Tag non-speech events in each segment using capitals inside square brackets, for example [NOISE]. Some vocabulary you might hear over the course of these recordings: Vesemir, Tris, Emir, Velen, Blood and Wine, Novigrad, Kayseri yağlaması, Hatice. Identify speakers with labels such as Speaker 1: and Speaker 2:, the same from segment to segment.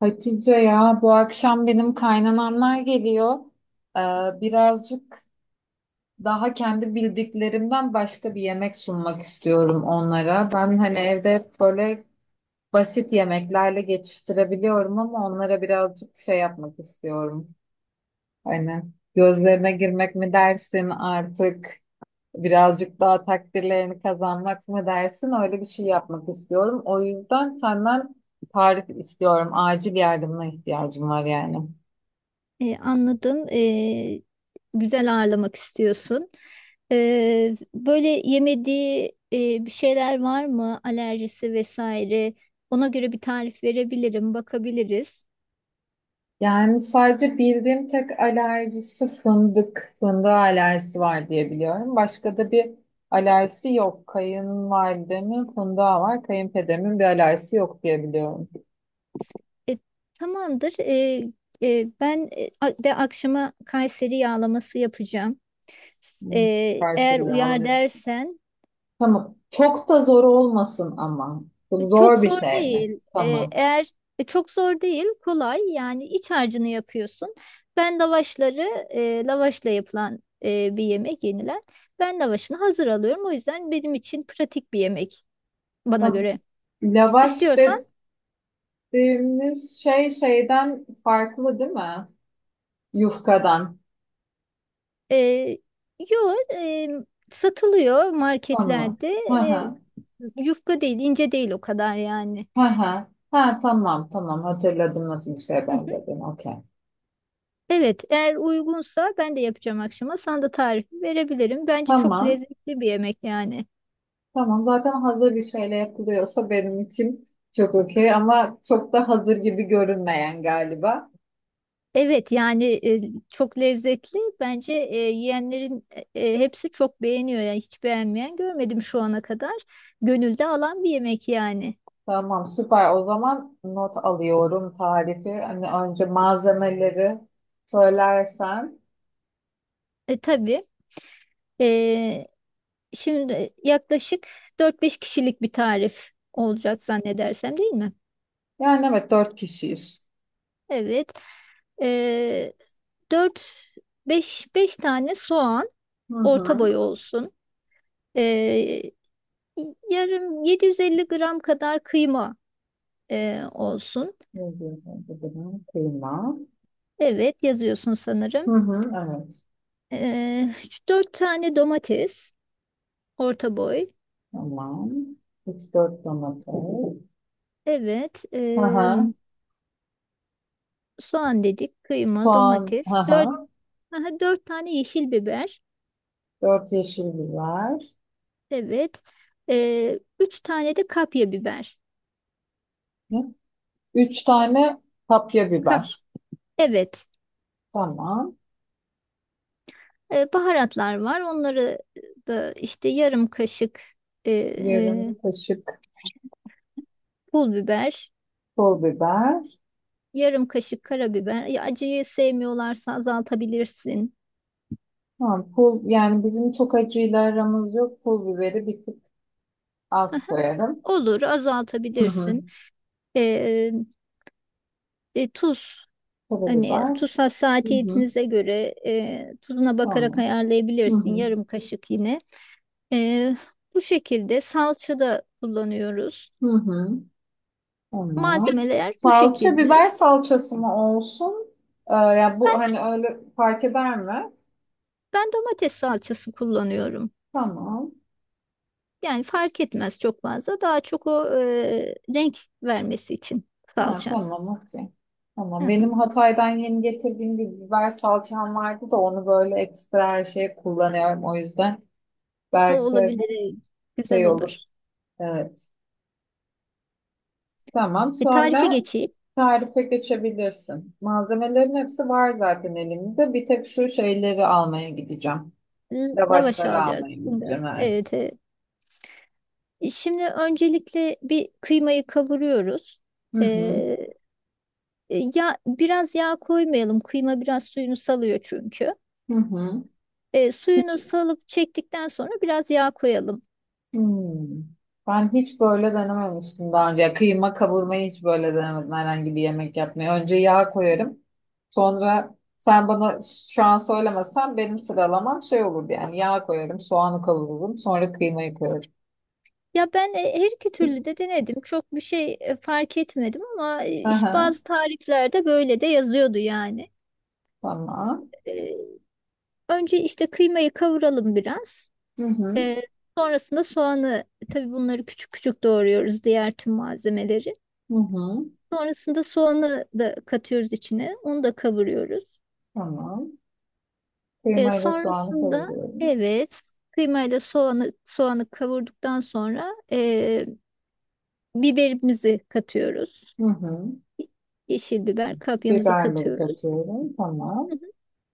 Speaker 1: Hatice ya bu akşam benim kaynanamlar geliyor. Ee, Birazcık daha kendi bildiklerimden başka bir yemek sunmak istiyorum onlara. Ben hani evde hep böyle basit yemeklerle geçiştirebiliyorum ama onlara birazcık şey yapmak istiyorum. Hani gözlerine girmek mi dersin artık birazcık daha takdirlerini kazanmak mı dersin öyle bir şey yapmak istiyorum. O yüzden senden tarif istiyorum. Acil yardımına ihtiyacım var yani.
Speaker 2: Anladım. Güzel ağırlamak istiyorsun. Böyle yemediği bir şeyler var mı? Alerjisi vesaire. Ona göre bir tarif verebilirim, bakabiliriz.
Speaker 1: Yani sadece bildiğim tek alerjisi fındık. Fındığı alerjisi var diye biliyorum. Başka da bir alerjisi yok. Kayınvalidemin fındığa var. Kayınpederimin bir alerjisi yok diye biliyorum.
Speaker 2: E, tamamdır. Ben de akşama Kayseri yağlaması yapacağım. E,
Speaker 1: Hmm,
Speaker 2: eğer
Speaker 1: Kayseri
Speaker 2: uyar
Speaker 1: yağlaması.
Speaker 2: dersen.
Speaker 1: Tamam. Çok da zor olmasın ama. Bu
Speaker 2: Çok
Speaker 1: zor bir
Speaker 2: zor
Speaker 1: şey mi?
Speaker 2: değil. Ee,
Speaker 1: Tamam.
Speaker 2: eğer çok zor değil, kolay. Yani iç harcını yapıyorsun. Lavaşla yapılan bir yemek yenilen. Ben lavaşını hazır alıyorum. O yüzden benim için pratik bir yemek bana
Speaker 1: Tamam.
Speaker 2: göre.
Speaker 1: Lavaş
Speaker 2: İstiyorsan
Speaker 1: dediğimiz şey şeyden farklı değil mi? Yufkadan.
Speaker 2: e, yo, satılıyor
Speaker 1: Tamam.
Speaker 2: marketlerde.
Speaker 1: Hı
Speaker 2: E,
Speaker 1: hı.
Speaker 2: yufka değil, ince değil o kadar yani.
Speaker 1: Hı hı. Ha, tamam, tamam, hatırladım nasıl bir şeye
Speaker 2: Hı hı.
Speaker 1: benzediğini. Okey.
Speaker 2: Evet, eğer uygunsa ben de yapacağım akşama. Sana da tarifi verebilirim. Bence çok
Speaker 1: Tamam.
Speaker 2: lezzetli bir yemek yani.
Speaker 1: Tamam, zaten hazır bir şeyle yapılıyorsa benim için çok okey ama çok da hazır gibi görünmeyen galiba.
Speaker 2: Evet yani, çok lezzetli. Bence yiyenlerin hepsi çok beğeniyor. Yani hiç beğenmeyen görmedim şu ana kadar. Gönülde alan bir yemek yani.
Speaker 1: Tamam, süper, o zaman not alıyorum tarifi. Hani önce malzemeleri söylersen.
Speaker 2: Tabii. E, şimdi yaklaşık dört beş kişilik bir tarif olacak zannedersem, değil mi?
Speaker 1: Yani evet, dört kişiyiz.
Speaker 2: Evet. E, 4 5 5 tane soğan,
Speaker 1: Hı
Speaker 2: orta
Speaker 1: hı.
Speaker 2: boy olsun. E, yarım 750 gram kadar kıyma olsun.
Speaker 1: Ne diyorsun? Bu da kıyma.
Speaker 2: Evet, yazıyorsun
Speaker 1: Hı
Speaker 2: sanırım.
Speaker 1: hı, evet.
Speaker 2: Ee, 4 tane domates, orta boy.
Speaker 1: Tamam. Üç dört domates.
Speaker 2: Evet.
Speaker 1: Hı
Speaker 2: ee,
Speaker 1: hı.
Speaker 2: soğan dedik, kıyma,
Speaker 1: Soğan,
Speaker 2: domates. Dört,
Speaker 1: haha,
Speaker 2: aha, 4 tane yeşil biber.
Speaker 1: 4 yeşil biber,
Speaker 2: Evet. 3 tane de kapya biber.
Speaker 1: hı, üç tane kapya
Speaker 2: Ka-
Speaker 1: biber.
Speaker 2: evet
Speaker 1: Tamam.
Speaker 2: Baharatlar var. Onları da işte yarım kaşık ee,
Speaker 1: Yarım
Speaker 2: ee,
Speaker 1: kaşık
Speaker 2: pul biber.
Speaker 1: pul biber.
Speaker 2: Yarım kaşık karabiber. Ya, acıyı sevmiyorlarsa azaltabilirsin.
Speaker 1: Tamam, pul, yani bizim çok acıyla aramız yok. Pul biberi bir tık az koyarım.
Speaker 2: Olur,
Speaker 1: Hı hı.
Speaker 2: azaltabilirsin. E, e, tuz, hani
Speaker 1: Karabiber.
Speaker 2: tuz
Speaker 1: Hı hı.
Speaker 2: hassasiyetinize göre tuzuna bakarak
Speaker 1: Tamam. Hı
Speaker 2: ayarlayabilirsin,
Speaker 1: hı.
Speaker 2: yarım kaşık yine. E, bu şekilde salça da kullanıyoruz.
Speaker 1: Hı hı. Tamam.
Speaker 2: Malzemeler bu
Speaker 1: Salça
Speaker 2: şekilde.
Speaker 1: biber salçası mı olsun? Ya bu
Speaker 2: Ben
Speaker 1: hani öyle fark eder mi?
Speaker 2: ben domates salçası kullanıyorum.
Speaker 1: Tamam.
Speaker 2: Yani fark etmez çok fazla. Daha çok o renk vermesi için
Speaker 1: Ha,
Speaker 2: salça.
Speaker 1: tamam, okey.
Speaker 2: Hı
Speaker 1: Tamam.
Speaker 2: hı.
Speaker 1: Benim Hatay'dan yeni getirdiğim bir biber salçam vardı da onu böyle ekstra her şeye kullanıyorum. O yüzden
Speaker 2: O
Speaker 1: belki
Speaker 2: olabilir. Güzel
Speaker 1: şey olur.
Speaker 2: olur.
Speaker 1: Evet. Tamam.
Speaker 2: Bir tarife
Speaker 1: Sonra
Speaker 2: geçeyim.
Speaker 1: tarife geçebilirsin. Malzemelerin hepsi var zaten elimde. Bir tek şu şeyleri almaya gideceğim.
Speaker 2: Lavaş
Speaker 1: Lavaşları almaya
Speaker 2: alacaksın da.
Speaker 1: gideceğim. Evet.
Speaker 2: Evet, evet. Şimdi öncelikle bir kıymayı kavuruyoruz.
Speaker 1: Hı hı.
Speaker 2: Ee, ya biraz yağ koymayalım. Kıyma biraz suyunu salıyor çünkü.
Speaker 1: Hı hı.
Speaker 2: Suyunu salıp çektikten sonra biraz yağ koyalım.
Speaker 1: Hmm. Ben hiç böyle denememiştim daha önce. Ya kıyma kavurmayı hiç böyle denemedim herhangi bir yemek yapmayı. Önce yağ koyarım. Sonra sen bana şu an söylemesen benim sıralamam şey olurdu yani. Yağ koyarım, soğanı kavururum, sonra kıymayı koyarım.
Speaker 2: Ya ben her iki türlü de denedim. Çok bir şey fark etmedim, ama işte
Speaker 1: Aha,
Speaker 2: bazı tariflerde böyle de yazıyordu yani.
Speaker 1: tamam.
Speaker 2: Ee, önce işte kıymayı kavuralım biraz.
Speaker 1: Hı hı.
Speaker 2: Ee, sonrasında soğanı, tabii bunları küçük küçük doğruyoruz, diğer tüm malzemeleri.
Speaker 1: Hı hı.
Speaker 2: Sonrasında soğanı da katıyoruz içine. Onu da kavuruyoruz.
Speaker 1: Tamam.
Speaker 2: E,
Speaker 1: Kıymayı ve soğanı
Speaker 2: sonrasında
Speaker 1: kavuruyorum.
Speaker 2: evet, kıymayla soğanı kavurduktan sonra biberimizi katıyoruz.
Speaker 1: Hı hı.
Speaker 2: Yeşil biber, kapyamızı
Speaker 1: Biberleri
Speaker 2: katıyoruz.
Speaker 1: katıyorum. Tamam.
Speaker 2: Hı hı.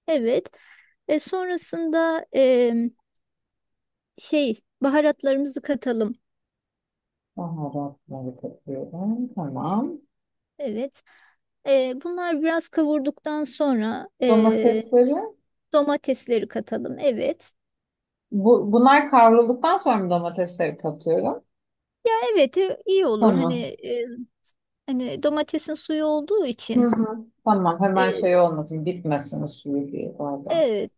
Speaker 2: Evet. Sonrasında şey, baharatlarımızı katalım.
Speaker 1: Baharatları katıyorum. Tamam.
Speaker 2: Evet. Bunlar biraz kavurduktan sonra
Speaker 1: Domatesleri.
Speaker 2: domatesleri katalım. Evet.
Speaker 1: Bunlar kavrulduktan sonra mı domatesleri katıyorum?
Speaker 2: Evet, iyi olur.
Speaker 1: Tamam.
Speaker 2: E, Hani domatesin suyu olduğu
Speaker 1: Hı
Speaker 2: için
Speaker 1: hı. Tamam. Hemen
Speaker 2: e,
Speaker 1: şey olmasın. Bitmesin suyu diye orada.
Speaker 2: evet,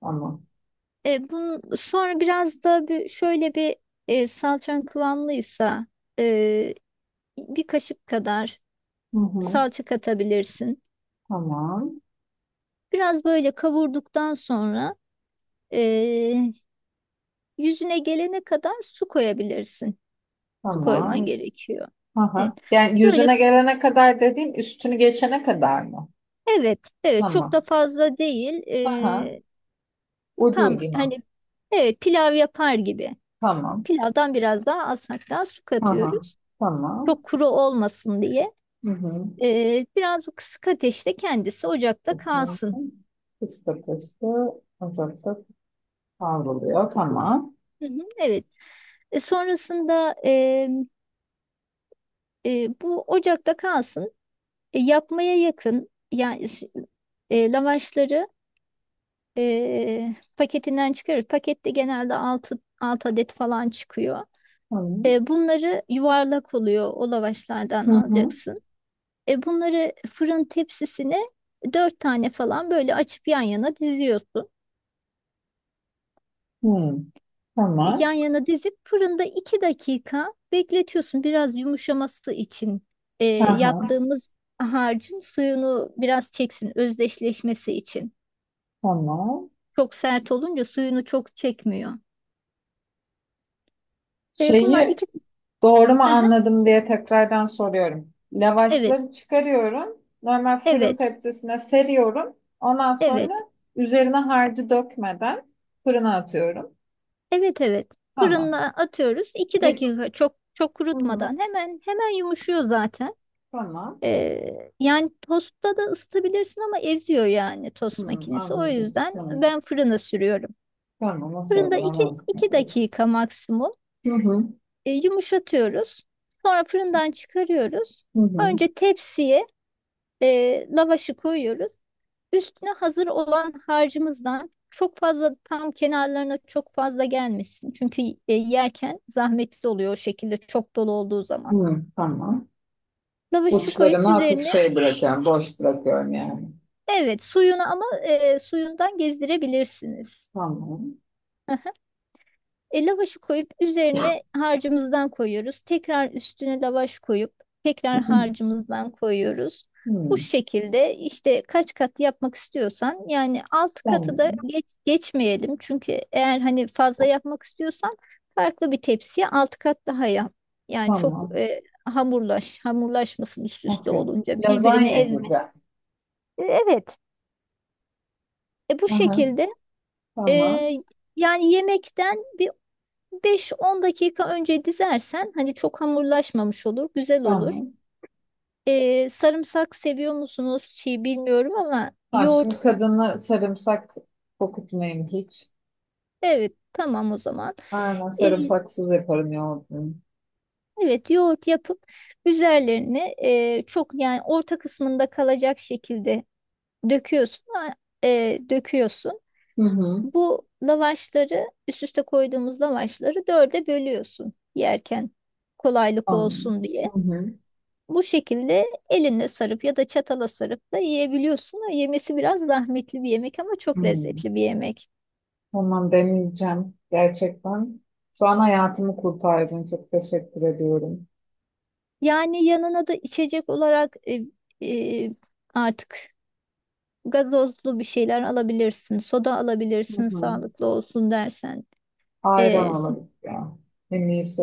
Speaker 1: Tamam.
Speaker 2: bunun sonra biraz da bir, şöyle bir, salçan kıvamlıysa, e, bir kaşık kadar
Speaker 1: Hı hı.
Speaker 2: salça katabilirsin.
Speaker 1: Tamam.
Speaker 2: Biraz böyle kavurduktan sonra e, yüzüne gelene kadar su koyabilirsin. Su koyman
Speaker 1: Tamam.
Speaker 2: gerekiyor. Evet.
Speaker 1: Aha. Yani
Speaker 2: Böyle,
Speaker 1: yüzüne gelene kadar dediğin üstünü geçene kadar mı?
Speaker 2: evet evet, çok da
Speaker 1: Tamam.
Speaker 2: fazla değil.
Speaker 1: Aha.
Speaker 2: E,
Speaker 1: Ucu
Speaker 2: tam
Speaker 1: ucuna.
Speaker 2: hani, evet, pilav yapar gibi.
Speaker 1: Tamam.
Speaker 2: Pilavdan biraz daha az hatta su
Speaker 1: Aha.
Speaker 2: katıyoruz.
Speaker 1: Tamam.
Speaker 2: Çok kuru olmasın diye.
Speaker 1: Hı hı.
Speaker 2: Biraz o kısık ateşte kendisi ocakta kalsın.
Speaker 1: Bakın. Kış patatesi ocakta kavruluyor. Tamam.
Speaker 2: Hı hı. Evet. Sonrasında, bu ocakta kalsın. Yapmaya yakın yani, lavaşları paketinden çıkarır. Pakette genelde 6 adet falan çıkıyor.
Speaker 1: Tamam.
Speaker 2: Bunları, yuvarlak oluyor, o lavaşlardan
Speaker 1: Hı hı.
Speaker 2: alacaksın. Bunları fırın tepsisine dört tane falan böyle açıp yan yana diziyorsun.
Speaker 1: Hı. Tamam.
Speaker 2: Yan yana dizip fırında 2 dakika bekletiyorsun. Biraz yumuşaması için
Speaker 1: Aha.
Speaker 2: yaptığımız harcın suyunu biraz çeksin, özdeşleşmesi için.
Speaker 1: Tamam.
Speaker 2: Çok sert olunca suyunu çok çekmiyor. Bunlar
Speaker 1: Şeyi
Speaker 2: iki...
Speaker 1: doğru mu
Speaker 2: Hı hı.
Speaker 1: anladım diye tekrardan soruyorum.
Speaker 2: Evet,
Speaker 1: Lavaşları çıkarıyorum. Normal fırın
Speaker 2: evet,
Speaker 1: tepsisine seriyorum. Ondan sonra
Speaker 2: evet,
Speaker 1: üzerine harcı dökmeden fırına atıyorum.
Speaker 2: evet, evet.
Speaker 1: Tamam.
Speaker 2: Fırına atıyoruz. iki
Speaker 1: Bir,
Speaker 2: dakika çok çok
Speaker 1: hı hı,
Speaker 2: kurutmadan hemen hemen yumuşuyor zaten.
Speaker 1: tamam.
Speaker 2: Yani tostta da ısıtabilirsin, ama eziyor yani tost
Speaker 1: Hı,
Speaker 2: makinesi. O
Speaker 1: anladım.
Speaker 2: yüzden
Speaker 1: Tamam.
Speaker 2: ben fırına sürüyorum.
Speaker 1: Tamam, atıyorum.
Speaker 2: Fırında iki
Speaker 1: Anladım.
Speaker 2: iki dakika maksimum
Speaker 1: Hı hı,
Speaker 2: yumuşatıyoruz. Sonra fırından çıkarıyoruz.
Speaker 1: hı hı,
Speaker 2: Önce tepsiye lavaşı koyuyoruz. Üstüne hazır olan harcımızdan çok fazla, tam kenarlarına çok fazla gelmesin. Çünkü yerken zahmetli oluyor, o şekilde çok dolu olduğu zaman.
Speaker 1: hı, tamam.
Speaker 2: Lavaşı koyup
Speaker 1: Uçlarına hafif
Speaker 2: üzerine...
Speaker 1: şey bırakıyorum, boş bırakıyorum yani.
Speaker 2: Evet, suyunu, ama suyundan gezdirebilirsiniz.
Speaker 1: Tamam.
Speaker 2: Aha. Lavaşı koyup üzerine harcımızdan koyuyoruz. Tekrar üstüne lavaş koyup tekrar harcımızdan koyuyoruz. Bu
Speaker 1: Hı,
Speaker 2: şekilde işte kaç kat yapmak istiyorsan, yani altı katı da
Speaker 1: tamam,
Speaker 2: geçmeyelim. Çünkü eğer hani fazla yapmak istiyorsan farklı bir tepsiye altı kat daha yap. Yani çok
Speaker 1: tamam.
Speaker 2: hamurlaşmasın, üst üste
Speaker 1: Okey.
Speaker 2: olunca birbirini
Speaker 1: Lazanya gibi.
Speaker 2: ezmesin. Evet. Bu
Speaker 1: Aha,
Speaker 2: şekilde. Ee,
Speaker 1: tamam.
Speaker 2: yani yemekten bir 5-10 dakika önce dizersen hani çok hamurlaşmamış olur, güzel olur.
Speaker 1: Tamam.
Speaker 2: Sarımsak seviyor musunuz? Çiğ bilmiyorum, ama
Speaker 1: Tamam,
Speaker 2: yoğurt.
Speaker 1: şimdi kadını sarımsak kokutmayayım hiç.
Speaker 2: Evet, tamam o zaman.
Speaker 1: Aynen,
Speaker 2: Ee,
Speaker 1: sarımsaksız yaparım yoğurdunu.
Speaker 2: evet, yoğurt yapıp üzerlerine çok, yani orta kısmında kalacak şekilde döküyorsun. Döküyorsun.
Speaker 1: Hı hı.
Speaker 2: Bu lavaşları, üst üste koyduğumuz lavaşları, dörde bölüyorsun yerken kolaylık
Speaker 1: Tamam.
Speaker 2: olsun diye.
Speaker 1: Hı hı.
Speaker 2: Bu şekilde elinle sarıp ya da çatala sarıp da yiyebiliyorsun. O yemesi biraz zahmetli bir yemek, ama çok
Speaker 1: Hı.
Speaker 2: lezzetli bir yemek.
Speaker 1: Tamam demeyeceğim. Gerçekten. Şu an hayatımı kurtardın. Çok teşekkür ediyorum.
Speaker 2: Yani yanına da içecek olarak e, artık gazozlu bir şeyler alabilirsin. Soda
Speaker 1: Hı
Speaker 2: alabilirsin,
Speaker 1: hı.
Speaker 2: sağlıklı olsun dersen.
Speaker 1: Ayran
Speaker 2: E,
Speaker 1: olabilir ya. En iyisi.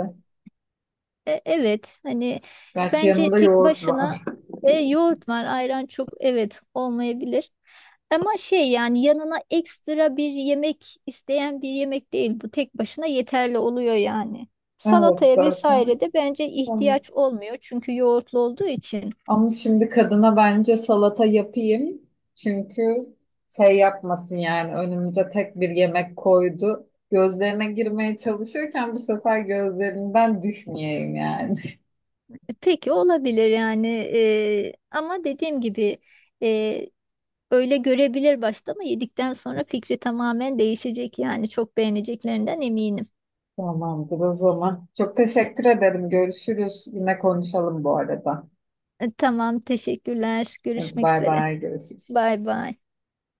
Speaker 2: E, evet hani
Speaker 1: Gerçi
Speaker 2: bence
Speaker 1: yanında
Speaker 2: tek
Speaker 1: yoğurt
Speaker 2: başına
Speaker 1: var.
Speaker 2: yoğurt var, ayran çok, evet, olmayabilir. Ama şey yani, yanına ekstra bir yemek isteyen bir yemek değil bu, tek başına yeterli oluyor yani.
Speaker 1: [LAUGHS] Evet,
Speaker 2: Salataya vesaire
Speaker 1: zaten.
Speaker 2: de bence
Speaker 1: Tamam.
Speaker 2: ihtiyaç olmuyor, çünkü yoğurtlu olduğu için.
Speaker 1: Ama şimdi kadına bence salata yapayım. Çünkü şey yapmasın yani, önümüze tek bir yemek koydu. Gözlerine girmeye çalışıyorken bu sefer gözlerinden düşmeyeyim yani.
Speaker 2: Peki, olabilir yani, ama dediğim gibi, e, öyle görebilir başta, ama yedikten sonra fikri tamamen değişecek yani, çok beğeneceklerinden eminim.
Speaker 1: [LAUGHS] Tamamdır o zaman. Çok teşekkür ederim. Görüşürüz. Yine konuşalım bu arada.
Speaker 2: Tamam, teşekkürler. Görüşmek
Speaker 1: Bay
Speaker 2: üzere.
Speaker 1: bay, görüşürüz.
Speaker 2: Bay bay.